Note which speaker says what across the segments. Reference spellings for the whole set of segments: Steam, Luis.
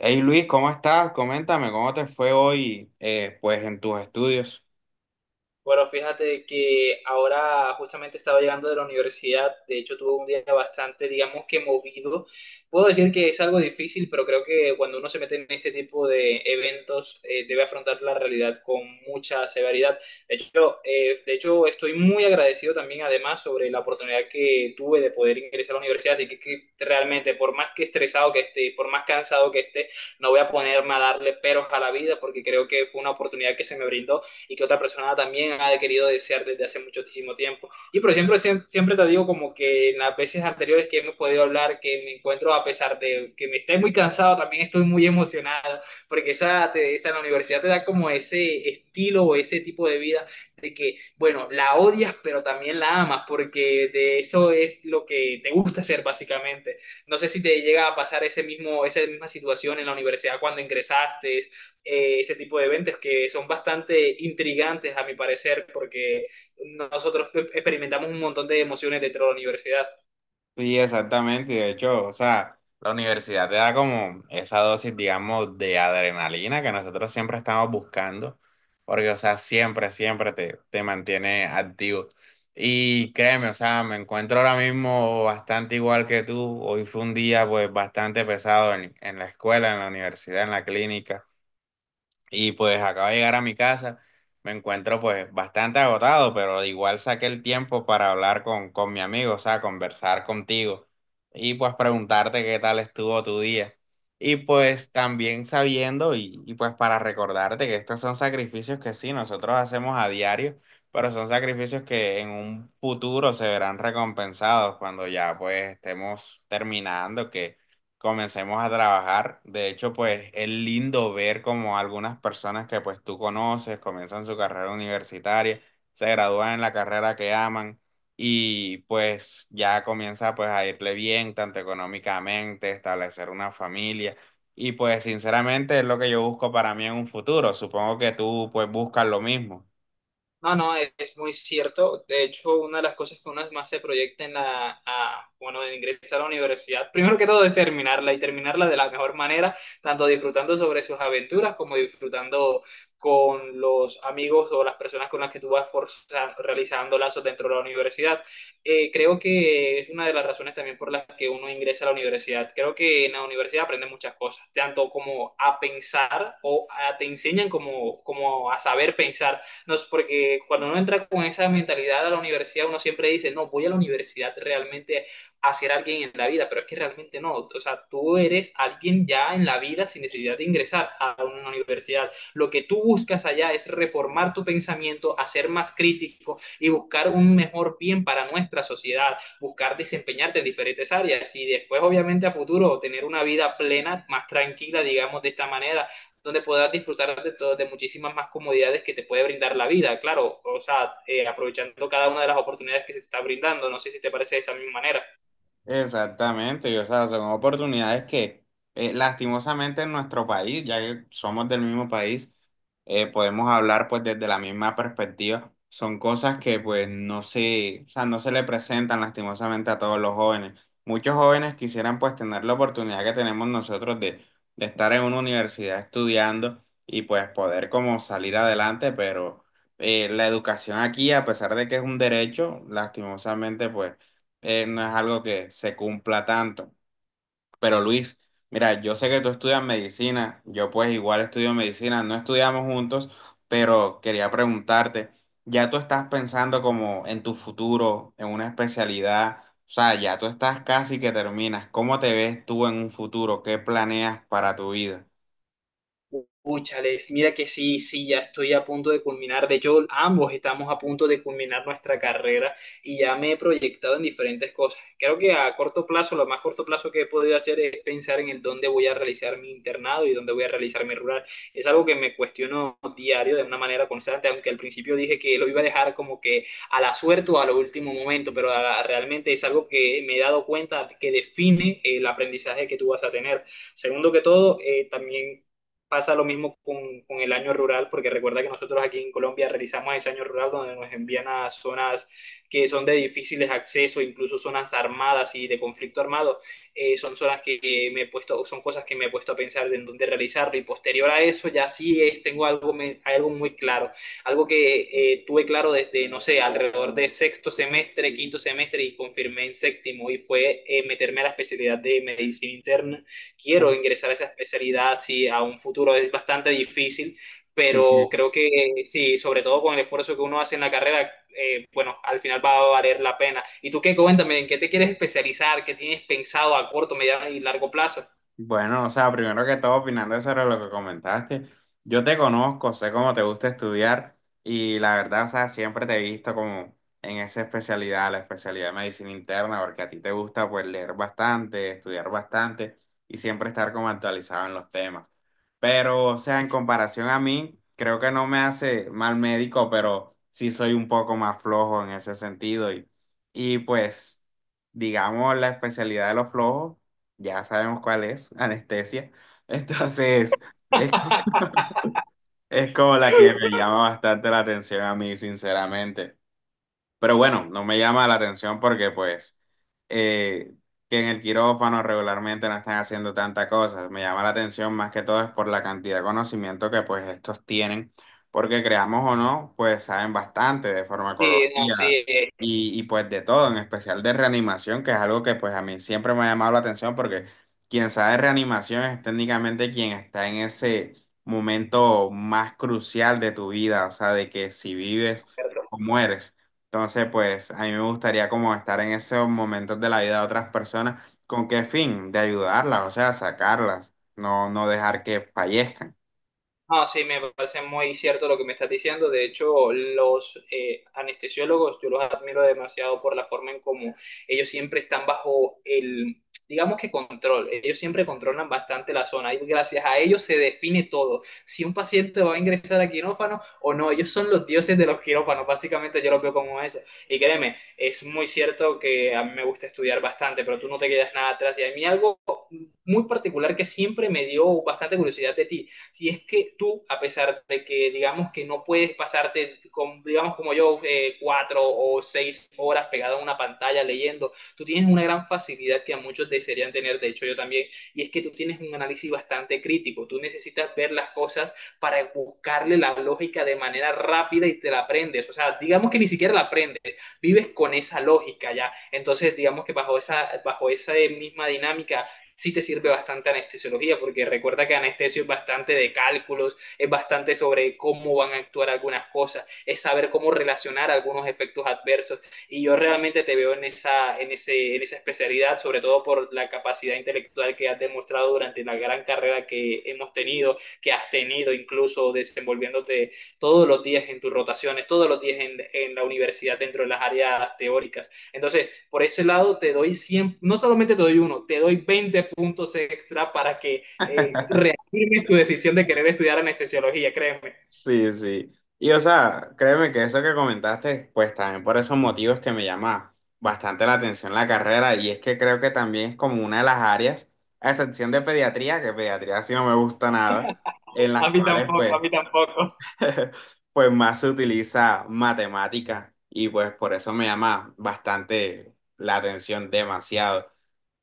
Speaker 1: Hey Luis, ¿cómo estás? Coméntame, ¿cómo te fue hoy, pues, en tus estudios?
Speaker 2: Bueno, fíjate que ahora justamente estaba llegando de la universidad. De hecho tuve un día bastante, digamos que movido. Puedo decir que es algo difícil, pero creo que cuando uno se mete en este tipo de eventos debe afrontar la realidad con mucha severidad. De hecho, estoy muy agradecido también además sobre la oportunidad que tuve de poder ingresar a la universidad, así que realmente por más que estresado que esté, por más cansado que esté, no voy a ponerme a darle peros a la vida porque creo que fue una oportunidad que se me brindó y que otra persona también ha querido desear desde hace muchísimo tiempo. Y por siempre te digo, como que en las veces anteriores que hemos podido hablar, que me encuentro, a pesar de que me estoy muy cansado, también estoy muy emocionado, porque esa en la universidad te da como ese estilo o ese tipo de vida de que, bueno, la odias, pero también la amas, porque de eso es lo que te gusta hacer básicamente. No sé si te llega a pasar ese esa misma situación en la universidad cuando ingresaste ese tipo de eventos que son bastante intrigantes a mi parecer, porque nosotros experimentamos un montón de emociones dentro de la universidad.
Speaker 1: Sí, exactamente. De hecho, o sea, la universidad te da como esa dosis, digamos, de adrenalina que nosotros siempre estamos buscando, porque, o sea, siempre, te mantiene activo. Y créeme, o sea, me encuentro ahora mismo bastante igual que tú. Hoy fue un día, pues, bastante pesado en la escuela, en la universidad, en la clínica. Y pues acabo de llegar a mi casa, me encuentro pues bastante agotado, pero igual saqué el tiempo para hablar con mi amigo, o sea, conversar contigo y pues preguntarte qué tal estuvo tu día. Y pues también sabiendo y pues para recordarte que estos son sacrificios que sí, nosotros hacemos a diario, pero son sacrificios que en un futuro se verán recompensados cuando ya pues estemos terminando, que comencemos a trabajar. De hecho, pues es lindo ver como algunas personas que pues tú conoces comienzan su carrera universitaria, se gradúan en la carrera que aman y pues ya comienza pues a irle bien, tanto económicamente, establecer una familia. Y pues sinceramente es lo que yo busco para mí en un futuro. Supongo que tú pues buscas lo mismo.
Speaker 2: No, no, es muy cierto. De hecho, una de las cosas que uno más se proyecta en bueno, en ingresar a la universidad, primero que todo es terminarla y terminarla de la mejor manera, tanto disfrutando sobre sus aventuras como disfrutando con los amigos o las personas con las que tú vas realizando lazos dentro de la universidad. Creo que es una de las razones también por las que uno ingresa a la universidad. Creo que en la universidad aprendes muchas cosas, tanto como a pensar te enseñan como a saber pensar no, es porque cuando uno entra con esa mentalidad a la universidad, uno siempre dice, no, voy a la universidad realmente a ser alguien en la vida, pero es que realmente no. O sea, tú eres alguien ya en la vida sin necesidad de ingresar a una universidad. Lo que tú buscas allá es reformar tu pensamiento, hacer más crítico y buscar un mejor bien para nuestra sociedad, buscar desempeñarte en diferentes áreas y después, obviamente, a futuro tener una vida plena, más tranquila, digamos, de esta manera, donde podrás disfrutar todo, de muchísimas más comodidades que te puede brindar la vida, claro, o sea, aprovechando cada una de las oportunidades que se te está brindando. No sé si te parece de esa misma manera.
Speaker 1: Exactamente, y, o sea, son oportunidades que lastimosamente en nuestro país, ya que somos del mismo país, podemos hablar pues desde la misma perspectiva. Son cosas que pues no se, o sea, no se le presentan lastimosamente a todos los jóvenes. Muchos jóvenes quisieran pues tener la oportunidad que tenemos nosotros de estar en una universidad estudiando y pues poder como salir adelante, pero la educación aquí, a pesar de que es un derecho, lastimosamente pues no es algo que se cumpla tanto. Pero Luis, mira, yo sé que tú estudias medicina, yo pues igual estudio medicina, no estudiamos juntos, pero quería preguntarte, ¿ya tú estás pensando como en tu futuro, en una especialidad? O sea, ya tú estás casi que terminas. ¿Cómo te ves tú en un futuro? ¿Qué planeas para tu vida?
Speaker 2: Púchales, mira que sí, sí, ya estoy a punto de culminar. De hecho, ambos estamos a punto de culminar nuestra carrera y ya me he proyectado en diferentes cosas. Creo que a corto plazo, lo más corto plazo que he podido hacer es pensar en el dónde voy a realizar mi internado y dónde voy a realizar mi rural. Es algo que me cuestiono diario de una manera constante, aunque al principio dije que lo iba a dejar como que a la suerte o a lo último momento, pero realmente es algo que me he dado cuenta que define el aprendizaje que tú vas a tener. Segundo que todo, también pasa lo mismo con el año rural, porque recuerda que nosotros aquí en Colombia realizamos ese año rural donde nos envían a zonas que son de difíciles acceso, incluso zonas armadas y de conflicto armado. Son zonas que me he puesto, son cosas que me he puesto a pensar de en dónde realizarlo, y posterior a eso ya sí tengo algo, algo muy claro, algo que tuve claro desde, no sé, alrededor de sexto semestre, quinto semestre y confirmé en séptimo, y fue meterme a la especialidad de medicina interna. Quiero ingresar a esa especialidad, sí, a un futuro es bastante difícil,
Speaker 1: Sí.
Speaker 2: pero creo que sí, sobre todo con el esfuerzo que uno hace en la carrera, bueno, al final va a valer la pena. ¿Y tú qué? Cuéntame, ¿en qué te quieres especializar? ¿Qué tienes pensado a corto, mediano y largo plazo?
Speaker 1: Bueno, o sea, primero que todo, opinando sobre lo que comentaste, yo te conozco, sé cómo te gusta estudiar y la verdad, o sea, siempre te he visto como en esa especialidad, la especialidad de medicina interna, porque a ti te gusta pues leer bastante, estudiar bastante y siempre estar como actualizado en los temas. Pero, o sea, en comparación a mí, creo que no me hace mal médico, pero sí soy un poco más flojo en ese sentido y pues, digamos, la especialidad de los flojos ya sabemos cuál es, anestesia. Entonces, es, es como la que me llama bastante la atención a mí, sinceramente. Pero bueno, no me llama la atención porque pues eh, que en el quirófano regularmente no están haciendo tantas cosas. Me llama la atención más que todo es por la cantidad de conocimiento que pues estos tienen, porque creamos o no, pues saben bastante de
Speaker 2: Sí, no, sí,
Speaker 1: farmacología y pues de todo, en especial de reanimación, que es algo que pues a mí siempre me ha llamado la atención porque quien sabe de reanimación es técnicamente quien está en ese momento más crucial de tu vida, o sea, de que si vives o mueres. Entonces, pues a mí me gustaría como estar en esos momentos de la vida de otras personas. ¿Con qué fin? De ayudarlas, o sea, sacarlas, no, no dejar que fallezcan.
Speaker 2: no, sí, me parece muy cierto lo que me estás diciendo. De hecho, los anestesiólogos, yo los admiro demasiado por la forma en cómo ellos siempre están bajo digamos que control. Ellos siempre controlan bastante la zona y gracias a ellos se define todo. Si un paciente va a ingresar a quirófano o no, ellos son los dioses de los quirófanos. Básicamente yo los veo como eso. Y créeme, es muy cierto que a mí me gusta estudiar bastante, pero tú no te quedas nada atrás. Y a mí algo muy particular que siempre me dio bastante curiosidad de ti si es que tú, a pesar de que digamos que no puedes pasarte, digamos como yo, cuatro o seis horas pegado a una pantalla leyendo, tú tienes una gran facilidad que a muchos desearían tener, de hecho yo también, y es que tú tienes un análisis bastante crítico, tú necesitas ver las cosas para buscarle la lógica de manera rápida y te la aprendes, o sea, digamos que ni siquiera la aprendes, vives con esa lógica ya, entonces digamos que bajo bajo esa misma dinámica sí te sirve bastante anestesiología, porque recuerda que anestesio es bastante de cálculos, es bastante sobre cómo van a actuar algunas cosas, es saber cómo relacionar algunos efectos adversos. Y yo realmente te veo en en esa especialidad, sobre todo por la capacidad intelectual que has demostrado durante la gran carrera que hemos tenido, que has tenido incluso desenvolviéndote todos los días en tus rotaciones, todos los días en la universidad dentro de las áreas teóricas. Entonces, por ese lado te doy 100, no solamente te doy uno, te doy 20 puntos extra para que reafirmes tu decisión de querer estudiar anestesiología, créeme.
Speaker 1: Sí, sí. Y o sea, créeme que eso que comentaste, pues también por esos motivos que me llama bastante la atención la carrera y es que creo que también es como una de las áreas, a excepción de pediatría, que pediatría sí no me gusta nada, en
Speaker 2: A
Speaker 1: las
Speaker 2: mí
Speaker 1: cuales
Speaker 2: tampoco, a
Speaker 1: pues
Speaker 2: mí tampoco.
Speaker 1: pues más se utiliza matemática y pues por eso me llama bastante la atención, demasiado.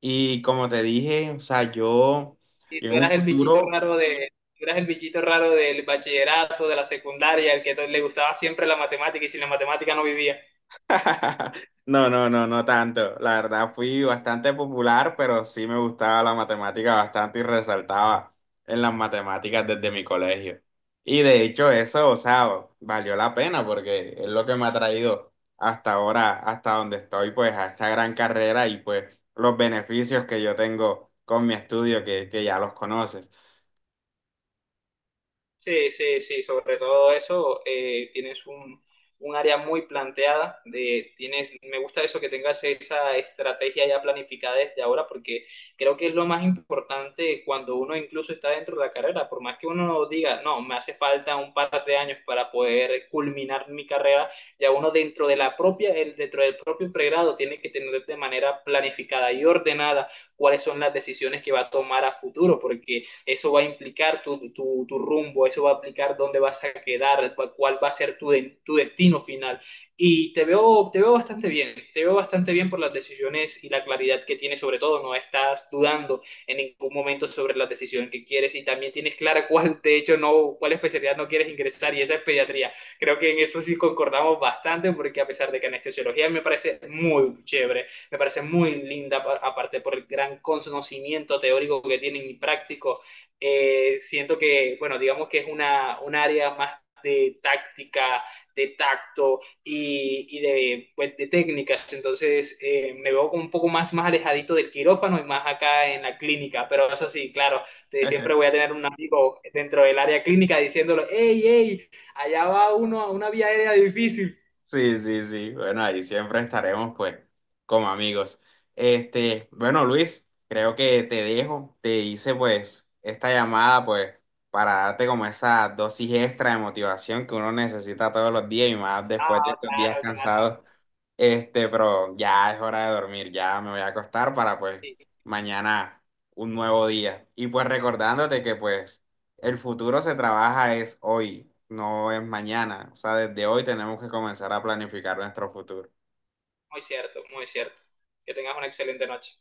Speaker 1: Y como te dije, o sea,
Speaker 2: Y
Speaker 1: yo
Speaker 2: tú
Speaker 1: en un
Speaker 2: eras el bichito
Speaker 1: futuro...
Speaker 2: raro tú eras el bichito raro del bachillerato, de la secundaria, el le gustaba siempre la matemática y sin la matemática no vivía.
Speaker 1: No, no, no, no tanto. La verdad fui bastante popular, pero sí me gustaba la matemática bastante y resaltaba en las matemáticas desde mi colegio. Y de hecho eso, o sea, valió la pena porque es lo que me ha traído hasta ahora, hasta donde estoy, pues a esta gran carrera y pues los beneficios que yo tengo con mi estudio que ya los conoces.
Speaker 2: Sí, sí, sí, sobre todo eso, tienes un área muy planteada, tienes, me gusta eso que tengas esa estrategia ya planificada desde ahora, porque creo que es lo más importante cuando uno incluso está dentro de la carrera, por más que uno diga, no, me hace falta un par de años para poder culminar mi carrera, ya uno dentro de la propia, dentro del propio pregrado tiene que tener de manera planificada y ordenada cuáles son las decisiones que va a tomar a futuro, porque eso va a implicar tu rumbo, eso va a implicar dónde vas a quedar, cuál va a ser tu destino final. Y te veo bastante bien, te veo bastante bien por las decisiones y la claridad que tienes sobre todo, no estás dudando en ningún momento sobre la decisión que quieres y también tienes clara cuál, de hecho, no, cuál especialidad no quieres ingresar, y esa es pediatría. Creo que en eso sí concordamos bastante, porque a pesar de que anestesiología me parece muy chévere, me parece muy linda, aparte por el gran conocimiento teórico que tienen y práctico siento que, bueno, digamos que es un área más de táctica, de tacto pues, de técnicas. Entonces me veo como un poco más, más alejadito del quirófano y más acá en la clínica. Pero eso sí, claro, siempre voy a tener un amigo dentro del área clínica diciéndolo, hey, hey, allá va uno a una vía aérea difícil.
Speaker 1: Sí, sí, sí. Bueno, ahí siempre estaremos, pues, como amigos. Este, bueno, Luis, creo que te dejo. Te hice, pues, esta llamada, pues, para darte como esa dosis extra de motivación que uno necesita todos los días y más después de
Speaker 2: Ah,
Speaker 1: estos días
Speaker 2: claro, claro.
Speaker 1: cansados. Este, pero ya es hora de dormir, ya me voy a acostar para pues
Speaker 2: Sí,
Speaker 1: mañana un nuevo día. Y pues recordándote que pues el futuro se trabaja es hoy, no es mañana. O sea, desde hoy tenemos que comenzar a planificar nuestro futuro.
Speaker 2: muy cierto, muy cierto. Que tengas una excelente noche.